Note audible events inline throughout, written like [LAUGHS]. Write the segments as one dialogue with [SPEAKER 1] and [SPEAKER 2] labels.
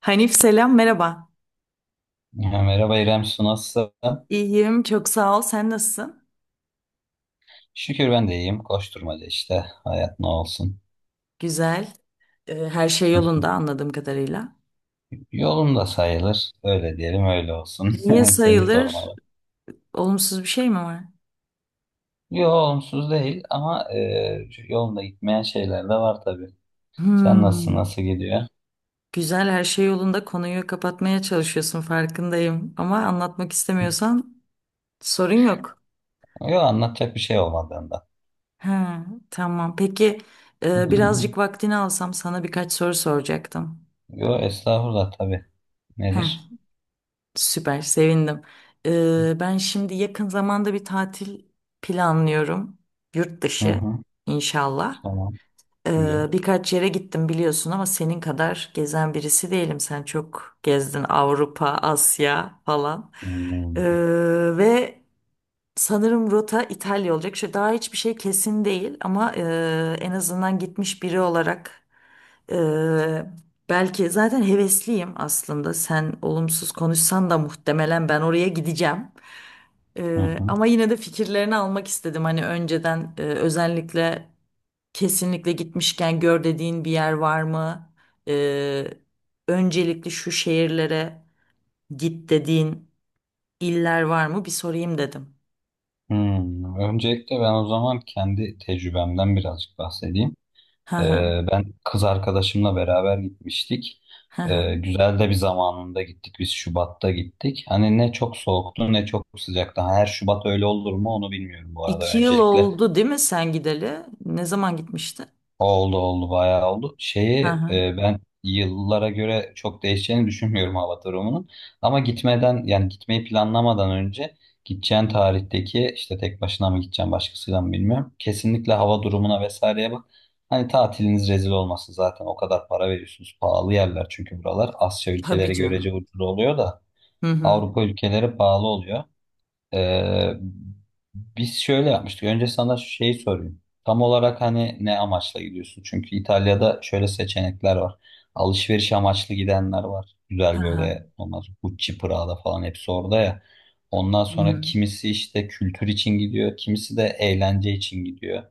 [SPEAKER 1] Hanif selam merhaba.
[SPEAKER 2] Ya, merhaba İrem Su nasılsın?
[SPEAKER 1] İyiyim, çok sağ ol, sen nasılsın?
[SPEAKER 2] Şükür ben de iyiyim. Koşturmaca işte. Hayat ne olsun.
[SPEAKER 1] Güzel. Her şey yolunda
[SPEAKER 2] [LAUGHS]
[SPEAKER 1] anladığım kadarıyla.
[SPEAKER 2] Yolunda sayılır. Öyle diyelim öyle olsun.
[SPEAKER 1] Niye
[SPEAKER 2] [LAUGHS] Seni
[SPEAKER 1] sayılır?
[SPEAKER 2] sormalı.
[SPEAKER 1] Olumsuz bir şey mi var?
[SPEAKER 2] Yo, olumsuz değil ama yolunda gitmeyen şeyler de var tabii. Sen nasılsın?
[SPEAKER 1] Hmm,
[SPEAKER 2] Nasıl gidiyor?
[SPEAKER 1] Güzel, her şey yolunda, konuyu kapatmaya çalışıyorsun farkındayım. Ama anlatmak istemiyorsan sorun yok.
[SPEAKER 2] Yo, anlatacak bir şey olmadığından.
[SPEAKER 1] Ha, tamam, peki, birazcık
[SPEAKER 2] [LAUGHS]
[SPEAKER 1] vaktini alsam sana birkaç soru soracaktım.
[SPEAKER 2] Yo, estağfurullah tabii.
[SPEAKER 1] Heh,
[SPEAKER 2] Nedir?
[SPEAKER 1] Süper, sevindim. Ben şimdi yakın zamanda bir tatil planlıyorum. Yurt
[SPEAKER 2] Hı
[SPEAKER 1] dışı
[SPEAKER 2] hı,
[SPEAKER 1] inşallah.
[SPEAKER 2] tamam. Güzel.
[SPEAKER 1] Birkaç yere gittim biliyorsun ama senin kadar gezen birisi değilim. Sen çok gezdin, Avrupa, Asya falan.
[SPEAKER 2] Hmm.
[SPEAKER 1] Ee, ve Sanırım rota İtalya olacak. Şu daha hiçbir şey kesin değil ama en azından gitmiş biri olarak, e, belki zaten hevesliyim aslında. Sen olumsuz konuşsan da muhtemelen ben oraya gideceğim.
[SPEAKER 2] Hı hı.
[SPEAKER 1] Ama yine de fikirlerini almak istedim. Hani önceden, özellikle kesinlikle gitmişken gör dediğin bir yer var mı? E, Öncelikli şu şehirlere git dediğin iller var mı? Bir sorayım dedim.
[SPEAKER 2] Hmm. Öncelikle ben o zaman kendi tecrübemden birazcık bahsedeyim.
[SPEAKER 1] Hı
[SPEAKER 2] Ee,
[SPEAKER 1] hı.
[SPEAKER 2] ben kız arkadaşımla beraber gitmiştik. Ee,
[SPEAKER 1] [LAUGHS]
[SPEAKER 2] güzel de bir zamanında gittik. Biz Şubat'ta gittik. Hani ne çok soğuktu ne çok sıcaktı. Her Şubat öyle olur mu onu bilmiyorum bu arada.
[SPEAKER 1] İki yıl
[SPEAKER 2] Öncelikle.
[SPEAKER 1] oldu değil mi sen gideli? Ne zaman gitmişti?
[SPEAKER 2] Oldu oldu, bayağı oldu.
[SPEAKER 1] Hı
[SPEAKER 2] Şeyi
[SPEAKER 1] hı.
[SPEAKER 2] ben yıllara göre çok değişeceğini düşünmüyorum Avatar romanın. Ama gitmeden yani gitmeyi planlamadan önce gideceğin tarihteki işte tek başına mı gideceğim başkasıyla mı bilmiyorum. Kesinlikle hava durumuna vesaireye bak. Hani tatiliniz rezil olmasın zaten o kadar para veriyorsunuz. Pahalı yerler çünkü buralar. Asya
[SPEAKER 1] Tabii
[SPEAKER 2] ülkeleri görece
[SPEAKER 1] canım.
[SPEAKER 2] ucuz oluyor da
[SPEAKER 1] Hı hı.
[SPEAKER 2] Avrupa ülkeleri pahalı oluyor. Ee, biz şöyle yapmıştık. Önce sana şeyi sorayım. Tam olarak hani ne amaçla gidiyorsun? Çünkü İtalya'da şöyle seçenekler var. Alışveriş amaçlı gidenler var.
[SPEAKER 1] Hı
[SPEAKER 2] Güzel
[SPEAKER 1] hı.
[SPEAKER 2] böyle olmaz. Gucci, Prada falan hepsi orada ya. Ondan
[SPEAKER 1] Hı
[SPEAKER 2] sonra
[SPEAKER 1] hı.
[SPEAKER 2] kimisi işte kültür için gidiyor. Kimisi de eğlence için gidiyor.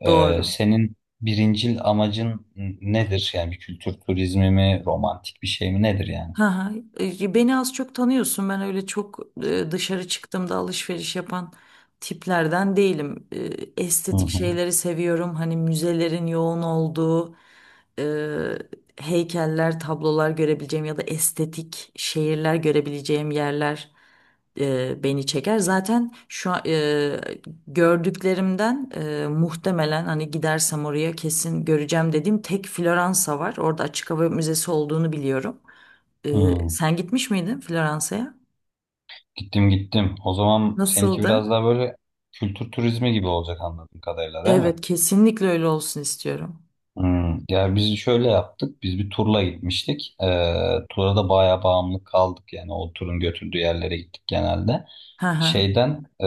[SPEAKER 2] Ee,
[SPEAKER 1] Doğru.
[SPEAKER 2] senin birincil amacın nedir? Yani bir kültür turizmi mi, romantik bir şey mi nedir yani?
[SPEAKER 1] Ha, ha. Beni az çok tanıyorsun. Ben öyle çok, dışarı çıktığımda alışveriş yapan tiplerden değilim.
[SPEAKER 2] Hı
[SPEAKER 1] Estetik
[SPEAKER 2] hı.
[SPEAKER 1] şeyleri seviyorum. Hani müzelerin yoğun olduğu, e, heykeller, tablolar görebileceğim ya da estetik şehirler görebileceğim yerler beni çeker. Zaten şu an, gördüklerimden, muhtemelen hani gidersem oraya kesin göreceğim dediğim tek Floransa var. Orada açık hava müzesi olduğunu biliyorum.
[SPEAKER 2] Hı.
[SPEAKER 1] Sen gitmiş miydin Floransa'ya?
[SPEAKER 2] Gittim gittim. O zaman seninki
[SPEAKER 1] Nasıldı?
[SPEAKER 2] biraz daha böyle kültür turizmi gibi olacak anladığım kadarıyla, değil mi?
[SPEAKER 1] Evet, kesinlikle öyle olsun istiyorum.
[SPEAKER 2] Hmm. Ya, biz şöyle yaptık. Biz bir turla gitmiştik. Tura da bayağı bağımlı kaldık. Yani o turun götürdüğü yerlere gittik genelde.
[SPEAKER 1] Hı hı.
[SPEAKER 2] Şeyden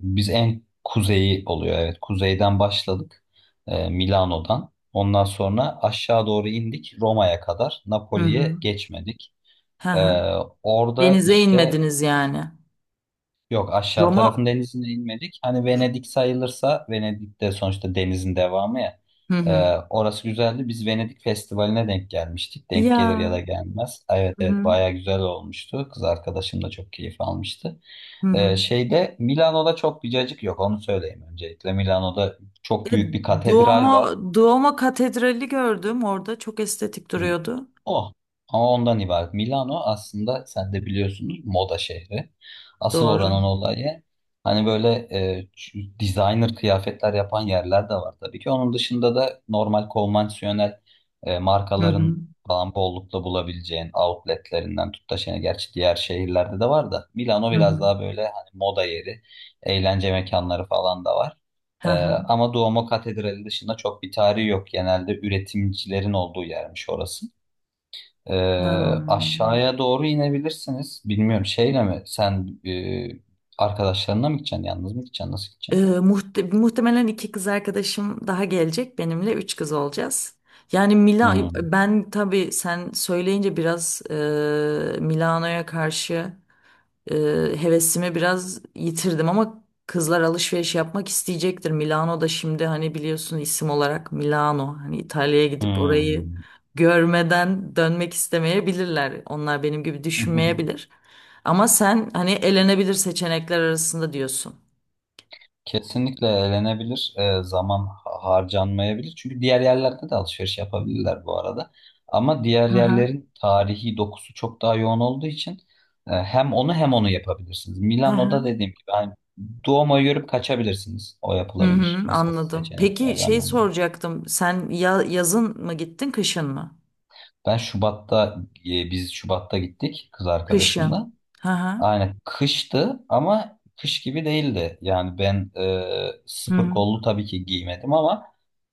[SPEAKER 2] biz en kuzeyi oluyor. Evet, kuzeyden başladık. Milano'dan. Ondan sonra aşağı doğru indik Roma'ya kadar.
[SPEAKER 1] Hı hı.
[SPEAKER 2] Napoli'ye geçmedik.
[SPEAKER 1] Hı
[SPEAKER 2] Ee,
[SPEAKER 1] hı.
[SPEAKER 2] orada
[SPEAKER 1] Denize
[SPEAKER 2] işte,
[SPEAKER 1] inmediniz yani.
[SPEAKER 2] yok, aşağı tarafın
[SPEAKER 1] Roma.
[SPEAKER 2] denizine inmedik. Hani Venedik sayılırsa Venedik de sonuçta denizin devamı ya.
[SPEAKER 1] Hı hı.
[SPEAKER 2] Orası güzeldi. Biz Venedik Festivali'ne denk gelmiştik. Denk gelir ya
[SPEAKER 1] Ya.
[SPEAKER 2] da gelmez. Evet
[SPEAKER 1] Hı
[SPEAKER 2] evet,
[SPEAKER 1] hı.
[SPEAKER 2] bayağı güzel olmuştu. Kız arkadaşım da çok keyif almıştı.
[SPEAKER 1] Hı hı.
[SPEAKER 2] Şeyde Milano'da çok bir cacık yok onu söyleyeyim öncelikle. Milano'da
[SPEAKER 1] E,
[SPEAKER 2] çok büyük bir katedral var.
[SPEAKER 1] Duomo Katedrali gördüm orada. Çok estetik
[SPEAKER 2] Hı.
[SPEAKER 1] duruyordu.
[SPEAKER 2] O. Ama ondan ibaret. Milano aslında sen de biliyorsunuz moda şehri. Asıl
[SPEAKER 1] Doğru.
[SPEAKER 2] oranın olayı hani böyle, designer kıyafetler yapan yerler de var tabii ki. Onun dışında da normal konvansiyonel
[SPEAKER 1] Hı hı.
[SPEAKER 2] markaların falan bollukla bulabileceğin outletlerinden tut da şey, gerçi diğer şehirlerde de var da Milano
[SPEAKER 1] Hı
[SPEAKER 2] biraz
[SPEAKER 1] hı.
[SPEAKER 2] daha böyle hani moda yeri, eğlence mekanları falan da var.
[SPEAKER 1] Hı
[SPEAKER 2] Ee,
[SPEAKER 1] hı.
[SPEAKER 2] ama Duomo Katedrali dışında çok bir tarihi yok. Genelde üretimcilerin olduğu yermiş orası. Ee,
[SPEAKER 1] Hmm.
[SPEAKER 2] aşağıya doğru inebilirsiniz. Bilmiyorum, şeyle mi sen arkadaşlarına mı gideceksin? Yalnız mı gideceksin? Nasıl gideceksin?
[SPEAKER 1] Muhtemelen iki kız arkadaşım daha gelecek benimle, üç kız olacağız. Yani,
[SPEAKER 2] Hmm.
[SPEAKER 1] ben, tabii sen söyleyince biraz, Milano'ya karşı, e, hevesimi biraz yitirdim ama kızlar alışveriş yapmak isteyecektir. Milano da şimdi hani biliyorsun isim olarak Milano, hani İtalya'ya gidip orayı
[SPEAKER 2] Hmm.
[SPEAKER 1] görmeden dönmek istemeyebilirler. Onlar benim gibi düşünmeyebilir. Ama sen hani elenebilir seçenekler arasında diyorsun.
[SPEAKER 2] [LAUGHS] Kesinlikle eğlenebilir. Zaman harcanmayabilir. Çünkü diğer yerlerde de alışveriş yapabilirler bu arada. Ama diğer
[SPEAKER 1] Hı hı.
[SPEAKER 2] yerlerin tarihi dokusu çok daha yoğun olduğu için hem onu hem onu yapabilirsiniz.
[SPEAKER 1] Hı
[SPEAKER 2] Milano'da
[SPEAKER 1] hı.
[SPEAKER 2] dediğim gibi hani Duomo'yu görüp kaçabilirsiniz. O
[SPEAKER 1] Hı
[SPEAKER 2] yapılabilir.
[SPEAKER 1] hı,
[SPEAKER 2] Mesela
[SPEAKER 1] anladım. Peki
[SPEAKER 2] seçeneklerden
[SPEAKER 1] şey
[SPEAKER 2] biri.
[SPEAKER 1] soracaktım. Sen ya yazın mı gittin, kışın mı?
[SPEAKER 2] Ben Şubat'ta biz Şubat'ta gittik kız
[SPEAKER 1] Kışın.
[SPEAKER 2] arkadaşımla.
[SPEAKER 1] Hı hı.
[SPEAKER 2] Aynen, kıştı ama kış gibi değildi. Yani ben
[SPEAKER 1] Hı
[SPEAKER 2] sıfır
[SPEAKER 1] hı.
[SPEAKER 2] kollu tabii ki giymedim ama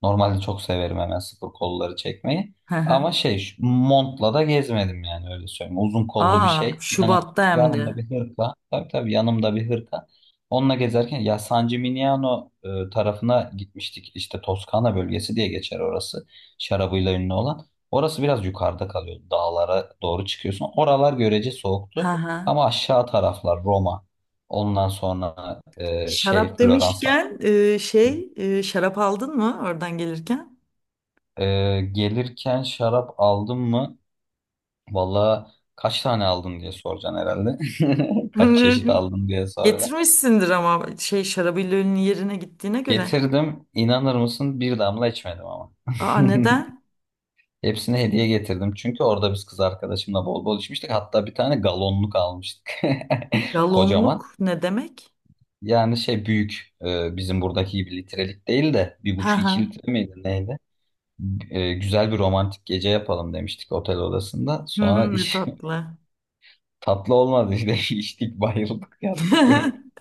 [SPEAKER 2] normalde çok severim hemen sıfır kolları çekmeyi.
[SPEAKER 1] Hı hı.
[SPEAKER 2] Ama şey, şu montla da gezmedim yani, öyle söyleyeyim. Uzun kollu bir
[SPEAKER 1] Aa,
[SPEAKER 2] şey. Yanım,
[SPEAKER 1] Şubat'ta hem
[SPEAKER 2] yanımda
[SPEAKER 1] de.
[SPEAKER 2] bir hırka. Tabii tabii, yanımda bir hırka. Onunla gezerken ya San Gimignano tarafına gitmiştik. İşte Toskana bölgesi diye geçer orası. Şarabıyla ünlü olan. Orası biraz yukarıda kalıyor. Dağlara doğru çıkıyorsun. Oralar görece
[SPEAKER 1] Hı
[SPEAKER 2] soğuktu.
[SPEAKER 1] hı.
[SPEAKER 2] Ama aşağı taraflar Roma. Ondan sonra şey
[SPEAKER 1] Şarap
[SPEAKER 2] Floransa.
[SPEAKER 1] demişken, şey, şarap aldın mı oradan gelirken?
[SPEAKER 2] E, gelirken şarap aldın mı? Valla kaç tane aldın diye soracaksın herhalde. [LAUGHS] Kaç çeşit
[SPEAKER 1] [LAUGHS]
[SPEAKER 2] aldın diye soracaksın.
[SPEAKER 1] Getirmişsindir ama şey şarabillolinin yerine gittiğine göre.
[SPEAKER 2] Getirdim. İnanır mısın? Bir damla içmedim ama.
[SPEAKER 1] Aa, neden?
[SPEAKER 2] [LAUGHS] Hepsine hediye getirdim. Çünkü orada biz kız arkadaşımla bol bol içmiştik. Hatta bir tane galonluk almıştık. [LAUGHS] Kocaman.
[SPEAKER 1] Galonluk ne demek?
[SPEAKER 2] Yani şey, büyük. Bizim buradaki gibi litrelik değil de bir
[SPEAKER 1] Hı
[SPEAKER 2] buçuk iki
[SPEAKER 1] hı.
[SPEAKER 2] litre miydi neydi? Güzel bir romantik gece yapalım demiştik otel odasında.
[SPEAKER 1] Hı
[SPEAKER 2] Sonra
[SPEAKER 1] hı, ne
[SPEAKER 2] iş
[SPEAKER 1] tatlı.
[SPEAKER 2] [LAUGHS] tatlı olmadı işte, [LAUGHS] içtik, bayıldık, yattık. [LAUGHS]
[SPEAKER 1] [LAUGHS]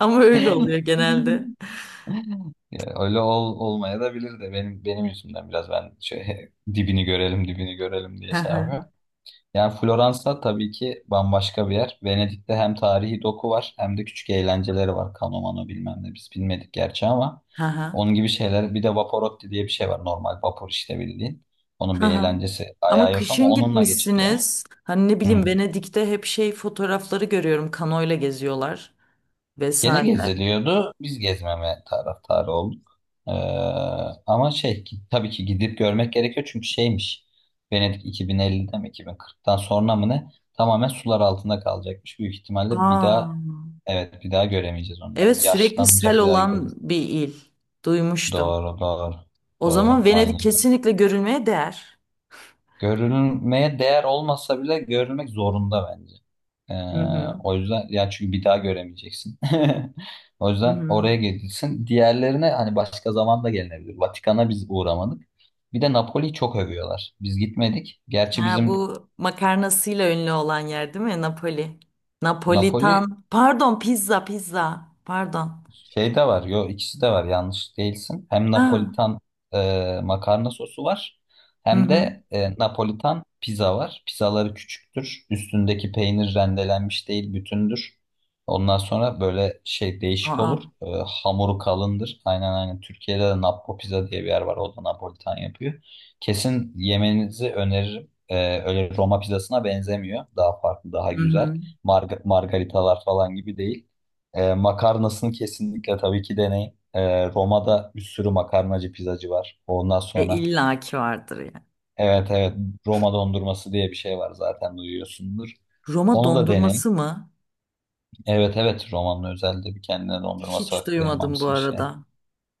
[SPEAKER 1] Ama öyle oluyor genelde.
[SPEAKER 2] Ya, öyle olmaya da bilirdi. Benim yüzümden biraz, ben şey, [LAUGHS] dibini görelim dibini görelim diye şey
[SPEAKER 1] [LAUGHS]
[SPEAKER 2] yapıyor. Yani Floransa tabii ki bambaşka bir yer. Venedik'te hem tarihi doku var hem de küçük eğlenceleri var. Kano mano bilmem ne, biz bilmedik gerçi, ama
[SPEAKER 1] Ha ha.
[SPEAKER 2] onun gibi şeyler. Bir de Vaporotti diye bir şey var, normal vapur işte bildiğin. Onun bir
[SPEAKER 1] Ha ha.
[SPEAKER 2] eğlencesi
[SPEAKER 1] Ama
[SPEAKER 2] ayağı yok ama
[SPEAKER 1] kışın
[SPEAKER 2] onunla geçiriyor.
[SPEAKER 1] gitmişsiniz. Hani ne
[SPEAKER 2] Hı.
[SPEAKER 1] bileyim, Venedik'te hep fotoğrafları görüyorum. Kanoyla geziyorlar
[SPEAKER 2] Gene
[SPEAKER 1] vesaire.
[SPEAKER 2] geziliyordu. Biz gezmeme taraftarı olduk. Ee, ama tabii ki gidip görmek gerekiyor çünkü şeymiş. Venedik 2050'de mi 2040'tan sonra mı ne? Tamamen sular altında kalacakmış. Büyük ihtimalle bir
[SPEAKER 1] Aa,
[SPEAKER 2] daha, evet, bir daha göremeyeceğiz onu.
[SPEAKER 1] evet,
[SPEAKER 2] Yani
[SPEAKER 1] sürekli sel
[SPEAKER 2] yaşlanınca bir daha gideriz.
[SPEAKER 1] olan bir il. Duymuştum.
[SPEAKER 2] Doğru doğru.
[SPEAKER 1] O
[SPEAKER 2] Doğru.
[SPEAKER 1] zaman
[SPEAKER 2] Aynen.
[SPEAKER 1] Venedik kesinlikle görülmeye değer.
[SPEAKER 2] Görülmeye değer olmasa bile görülmek zorunda bence. Ee,
[SPEAKER 1] Hı hı.
[SPEAKER 2] o yüzden ya, çünkü bir daha göremeyeceksin. [LAUGHS] O
[SPEAKER 1] Hı
[SPEAKER 2] yüzden
[SPEAKER 1] hı.
[SPEAKER 2] oraya gidilsin. Diğerlerine hani başka zaman da gelinebilir. Vatikan'a biz uğramadık. Bir de Napoli'yi çok övüyorlar. Biz gitmedik. Gerçi
[SPEAKER 1] Ha,
[SPEAKER 2] bizim.
[SPEAKER 1] bu makarnasıyla ünlü olan yer değil mi? Napoli.
[SPEAKER 2] Napoli.
[SPEAKER 1] Napolitan. Pardon, pizza. Pardon.
[SPEAKER 2] Şey de var. Yo, ikisi de var. Yanlış değilsin. Hem
[SPEAKER 1] Ha.
[SPEAKER 2] Napolitan makarna sosu var.
[SPEAKER 1] Hı
[SPEAKER 2] Hem
[SPEAKER 1] hı.
[SPEAKER 2] de Napolitan pizza var. Pizzaları küçüktür. Üstündeki peynir rendelenmiş değil, bütündür. Ondan sonra böyle şey, değişik
[SPEAKER 1] Aa.
[SPEAKER 2] olur. Hamuru kalındır. Aynen aynen. Türkiye'de de Nappo Pizza diye bir yer var. O da Napolitan yapıyor. Kesin yemenizi öneririm. Öyle Roma pizzasına benzemiyor. Daha farklı, daha
[SPEAKER 1] Hı
[SPEAKER 2] güzel.
[SPEAKER 1] hı.
[SPEAKER 2] Margaritalar falan gibi değil. Makarnasını kesinlikle tabii ki deneyin. Roma'da bir sürü makarnacı pizzacı var. Ondan sonra,
[SPEAKER 1] İllaki vardır ya.
[SPEAKER 2] evet evet, Roma dondurması diye bir şey var, zaten duyuyorsundur.
[SPEAKER 1] Roma
[SPEAKER 2] Onu da deneyin.
[SPEAKER 1] dondurması mı?
[SPEAKER 2] Evet evet, Roma'nın özelde bir kendine dondurması
[SPEAKER 1] Hiç
[SPEAKER 2] var.
[SPEAKER 1] duymadım bu
[SPEAKER 2] Kremamsı bir şey.
[SPEAKER 1] arada.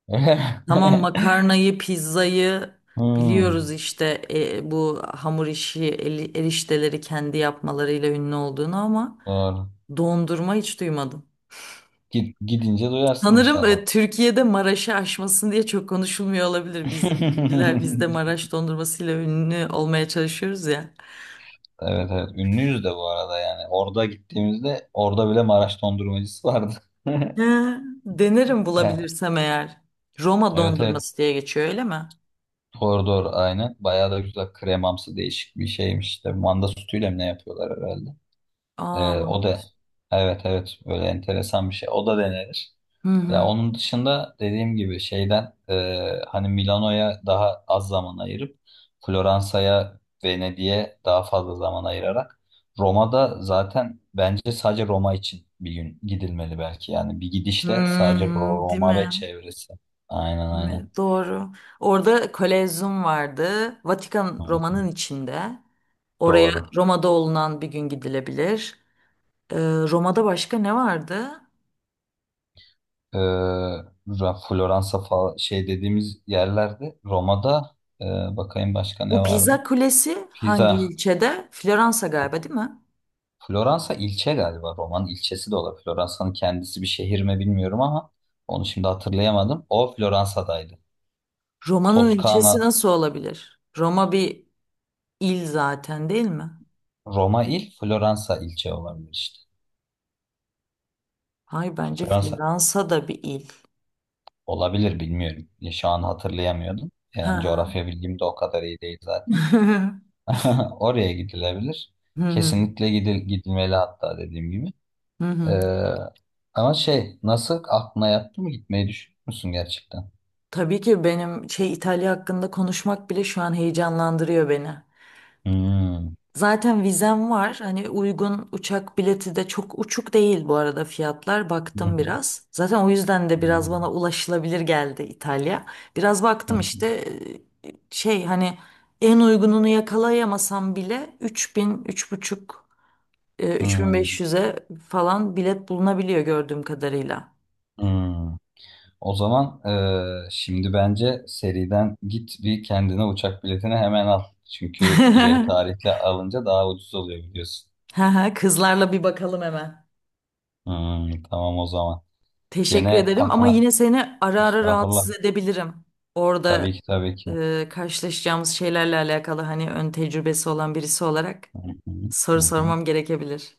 [SPEAKER 2] [LAUGHS]
[SPEAKER 1] Tamam, makarnayı, pizzayı
[SPEAKER 2] Hmm,
[SPEAKER 1] biliyoruz işte, bu hamur işi, erişteleri kendi yapmalarıyla ünlü olduğunu, ama
[SPEAKER 2] doğru.
[SPEAKER 1] dondurma hiç duymadım.
[SPEAKER 2] Gidince duyarsın
[SPEAKER 1] Sanırım
[SPEAKER 2] inşallah.
[SPEAKER 1] Türkiye'de Maraş'ı aşmasın diye çok konuşulmuyor olabilir. Biz de
[SPEAKER 2] [LAUGHS]
[SPEAKER 1] Maraş dondurmasıyla ünlü olmaya çalışıyoruz ya.
[SPEAKER 2] Evet evet, ünlüyüz de bu arada yani. Orada gittiğimizde orada bile Maraş dondurmacısı vardı.
[SPEAKER 1] He,
[SPEAKER 2] [LAUGHS]
[SPEAKER 1] denerim bulabilirsem eğer. Roma
[SPEAKER 2] Evet evet.
[SPEAKER 1] dondurması diye geçiyor, öyle mi?
[SPEAKER 2] Doğru doğru, aynen. Bayağı da güzel, kremamsı, değişik bir şeymiş. İşte manda sütüyle mi ne yapıyorlar herhalde. Ee,
[SPEAKER 1] Aman.
[SPEAKER 2] o da, evet evet, böyle enteresan bir şey. O da denenir.
[SPEAKER 1] Hı
[SPEAKER 2] Ya
[SPEAKER 1] hı.
[SPEAKER 2] onun dışında dediğim gibi şeyden, hani Milano'ya daha az zaman ayırıp Floransa'ya, Venedik'e daha fazla zaman ayırarak Roma'da zaten bence sadece Roma için bir gün gidilmeli belki. Yani bir gidişte sadece
[SPEAKER 1] Hmm, değil
[SPEAKER 2] Roma ve
[SPEAKER 1] mi?
[SPEAKER 2] çevresi. Aynen
[SPEAKER 1] Değil mi?
[SPEAKER 2] aynen.
[SPEAKER 1] Doğru. Orada Kolezyum vardı.
[SPEAKER 2] Hı
[SPEAKER 1] Vatikan
[SPEAKER 2] hı.
[SPEAKER 1] Roma'nın içinde. Oraya
[SPEAKER 2] Doğru.
[SPEAKER 1] Roma'da olunan bir gün gidilebilir. Ee, Roma'da başka ne vardı?
[SPEAKER 2] e, Floransa falan şey dediğimiz yerlerde, Roma'da bakayım başka ne
[SPEAKER 1] Bu
[SPEAKER 2] vardı?
[SPEAKER 1] Pisa Kulesi hangi
[SPEAKER 2] Pisa.
[SPEAKER 1] ilçede? Floransa
[SPEAKER 2] F-
[SPEAKER 1] galiba, değil mi?
[SPEAKER 2] Floransa ilçe galiba. Roma'nın ilçesi de olabilir. Floransa'nın kendisi bir şehir mi bilmiyorum ama onu şimdi hatırlayamadım. O Floransa'daydı.
[SPEAKER 1] Roma'nın
[SPEAKER 2] Toskana.
[SPEAKER 1] ilçesi nasıl olabilir? Roma bir il zaten, değil mi?
[SPEAKER 2] Roma il, Floransa ilçe olabilir işte.
[SPEAKER 1] Hayır, bence
[SPEAKER 2] Floransa
[SPEAKER 1] Floransa da bir il.
[SPEAKER 2] olabilir, bilmiyorum. Ya, şu an hatırlayamıyordum.
[SPEAKER 1] Hı
[SPEAKER 2] Yani
[SPEAKER 1] hı.
[SPEAKER 2] coğrafya bilgim de o kadar iyi değil zaten.
[SPEAKER 1] [LAUGHS]
[SPEAKER 2] [LAUGHS] Oraya gidilebilir.
[SPEAKER 1] Hı hı.
[SPEAKER 2] Kesinlikle gidilmeli hatta, dediğim gibi.
[SPEAKER 1] Hı hı.
[SPEAKER 2] Ee, ama şey, nasıl, aklına yattı mı, gitmeyi düşünür müsün gerçekten?
[SPEAKER 1] Tabii ki, benim İtalya hakkında konuşmak bile şu an heyecanlandırıyor beni.
[SPEAKER 2] Hmm.
[SPEAKER 1] Zaten vizem var. Hani uygun uçak bileti de çok uçuk değil bu arada fiyatlar.
[SPEAKER 2] Hı hı.
[SPEAKER 1] Baktım biraz. Zaten o yüzden de
[SPEAKER 2] Hı
[SPEAKER 1] biraz bana ulaşılabilir geldi İtalya. Biraz baktım
[SPEAKER 2] hı.
[SPEAKER 1] işte, hani en uygununu yakalayamasam bile 3000, 3,5,
[SPEAKER 2] Hı hı.
[SPEAKER 1] 3500'e falan bilet bulunabiliyor gördüğüm kadarıyla.
[SPEAKER 2] O zaman, Şimdi bence seriden git bir kendine uçak biletini hemen al. Çünkü ileri
[SPEAKER 1] [LAUGHS]
[SPEAKER 2] tarihle alınca daha ucuz oluyor biliyorsun.
[SPEAKER 1] Haha, kızlarla bir bakalım hemen.
[SPEAKER 2] Hmm, tamam o zaman.
[SPEAKER 1] Teşekkür
[SPEAKER 2] Gene
[SPEAKER 1] ederim ama
[SPEAKER 2] aklına,
[SPEAKER 1] yine seni ara ara
[SPEAKER 2] estağfurullah.
[SPEAKER 1] rahatsız edebilirim.
[SPEAKER 2] Tabii
[SPEAKER 1] Orada
[SPEAKER 2] ki tabii ki.
[SPEAKER 1] karşılaşacağımız şeylerle alakalı, hani ön tecrübesi olan birisi olarak
[SPEAKER 2] Hı hı.
[SPEAKER 1] soru
[SPEAKER 2] Hı hı.
[SPEAKER 1] sormam gerekebilir.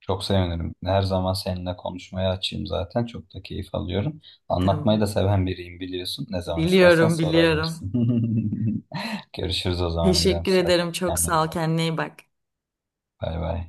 [SPEAKER 2] Çok sevinirim. Her zaman seninle konuşmaya açayım zaten. Çok da keyif alıyorum. Anlatmayı da
[SPEAKER 1] Tamam.
[SPEAKER 2] seven biriyim biliyorsun. Ne zaman istersen
[SPEAKER 1] Biliyorum, biliyorum.
[SPEAKER 2] sorabilirsin. [LAUGHS] Görüşürüz o zaman İrem.
[SPEAKER 1] Teşekkür
[SPEAKER 2] Hadi
[SPEAKER 1] ederim. Çok
[SPEAKER 2] kendine
[SPEAKER 1] sağ
[SPEAKER 2] iyi
[SPEAKER 1] ol.
[SPEAKER 2] bak.
[SPEAKER 1] Kendine iyi bak.
[SPEAKER 2] Bay bay.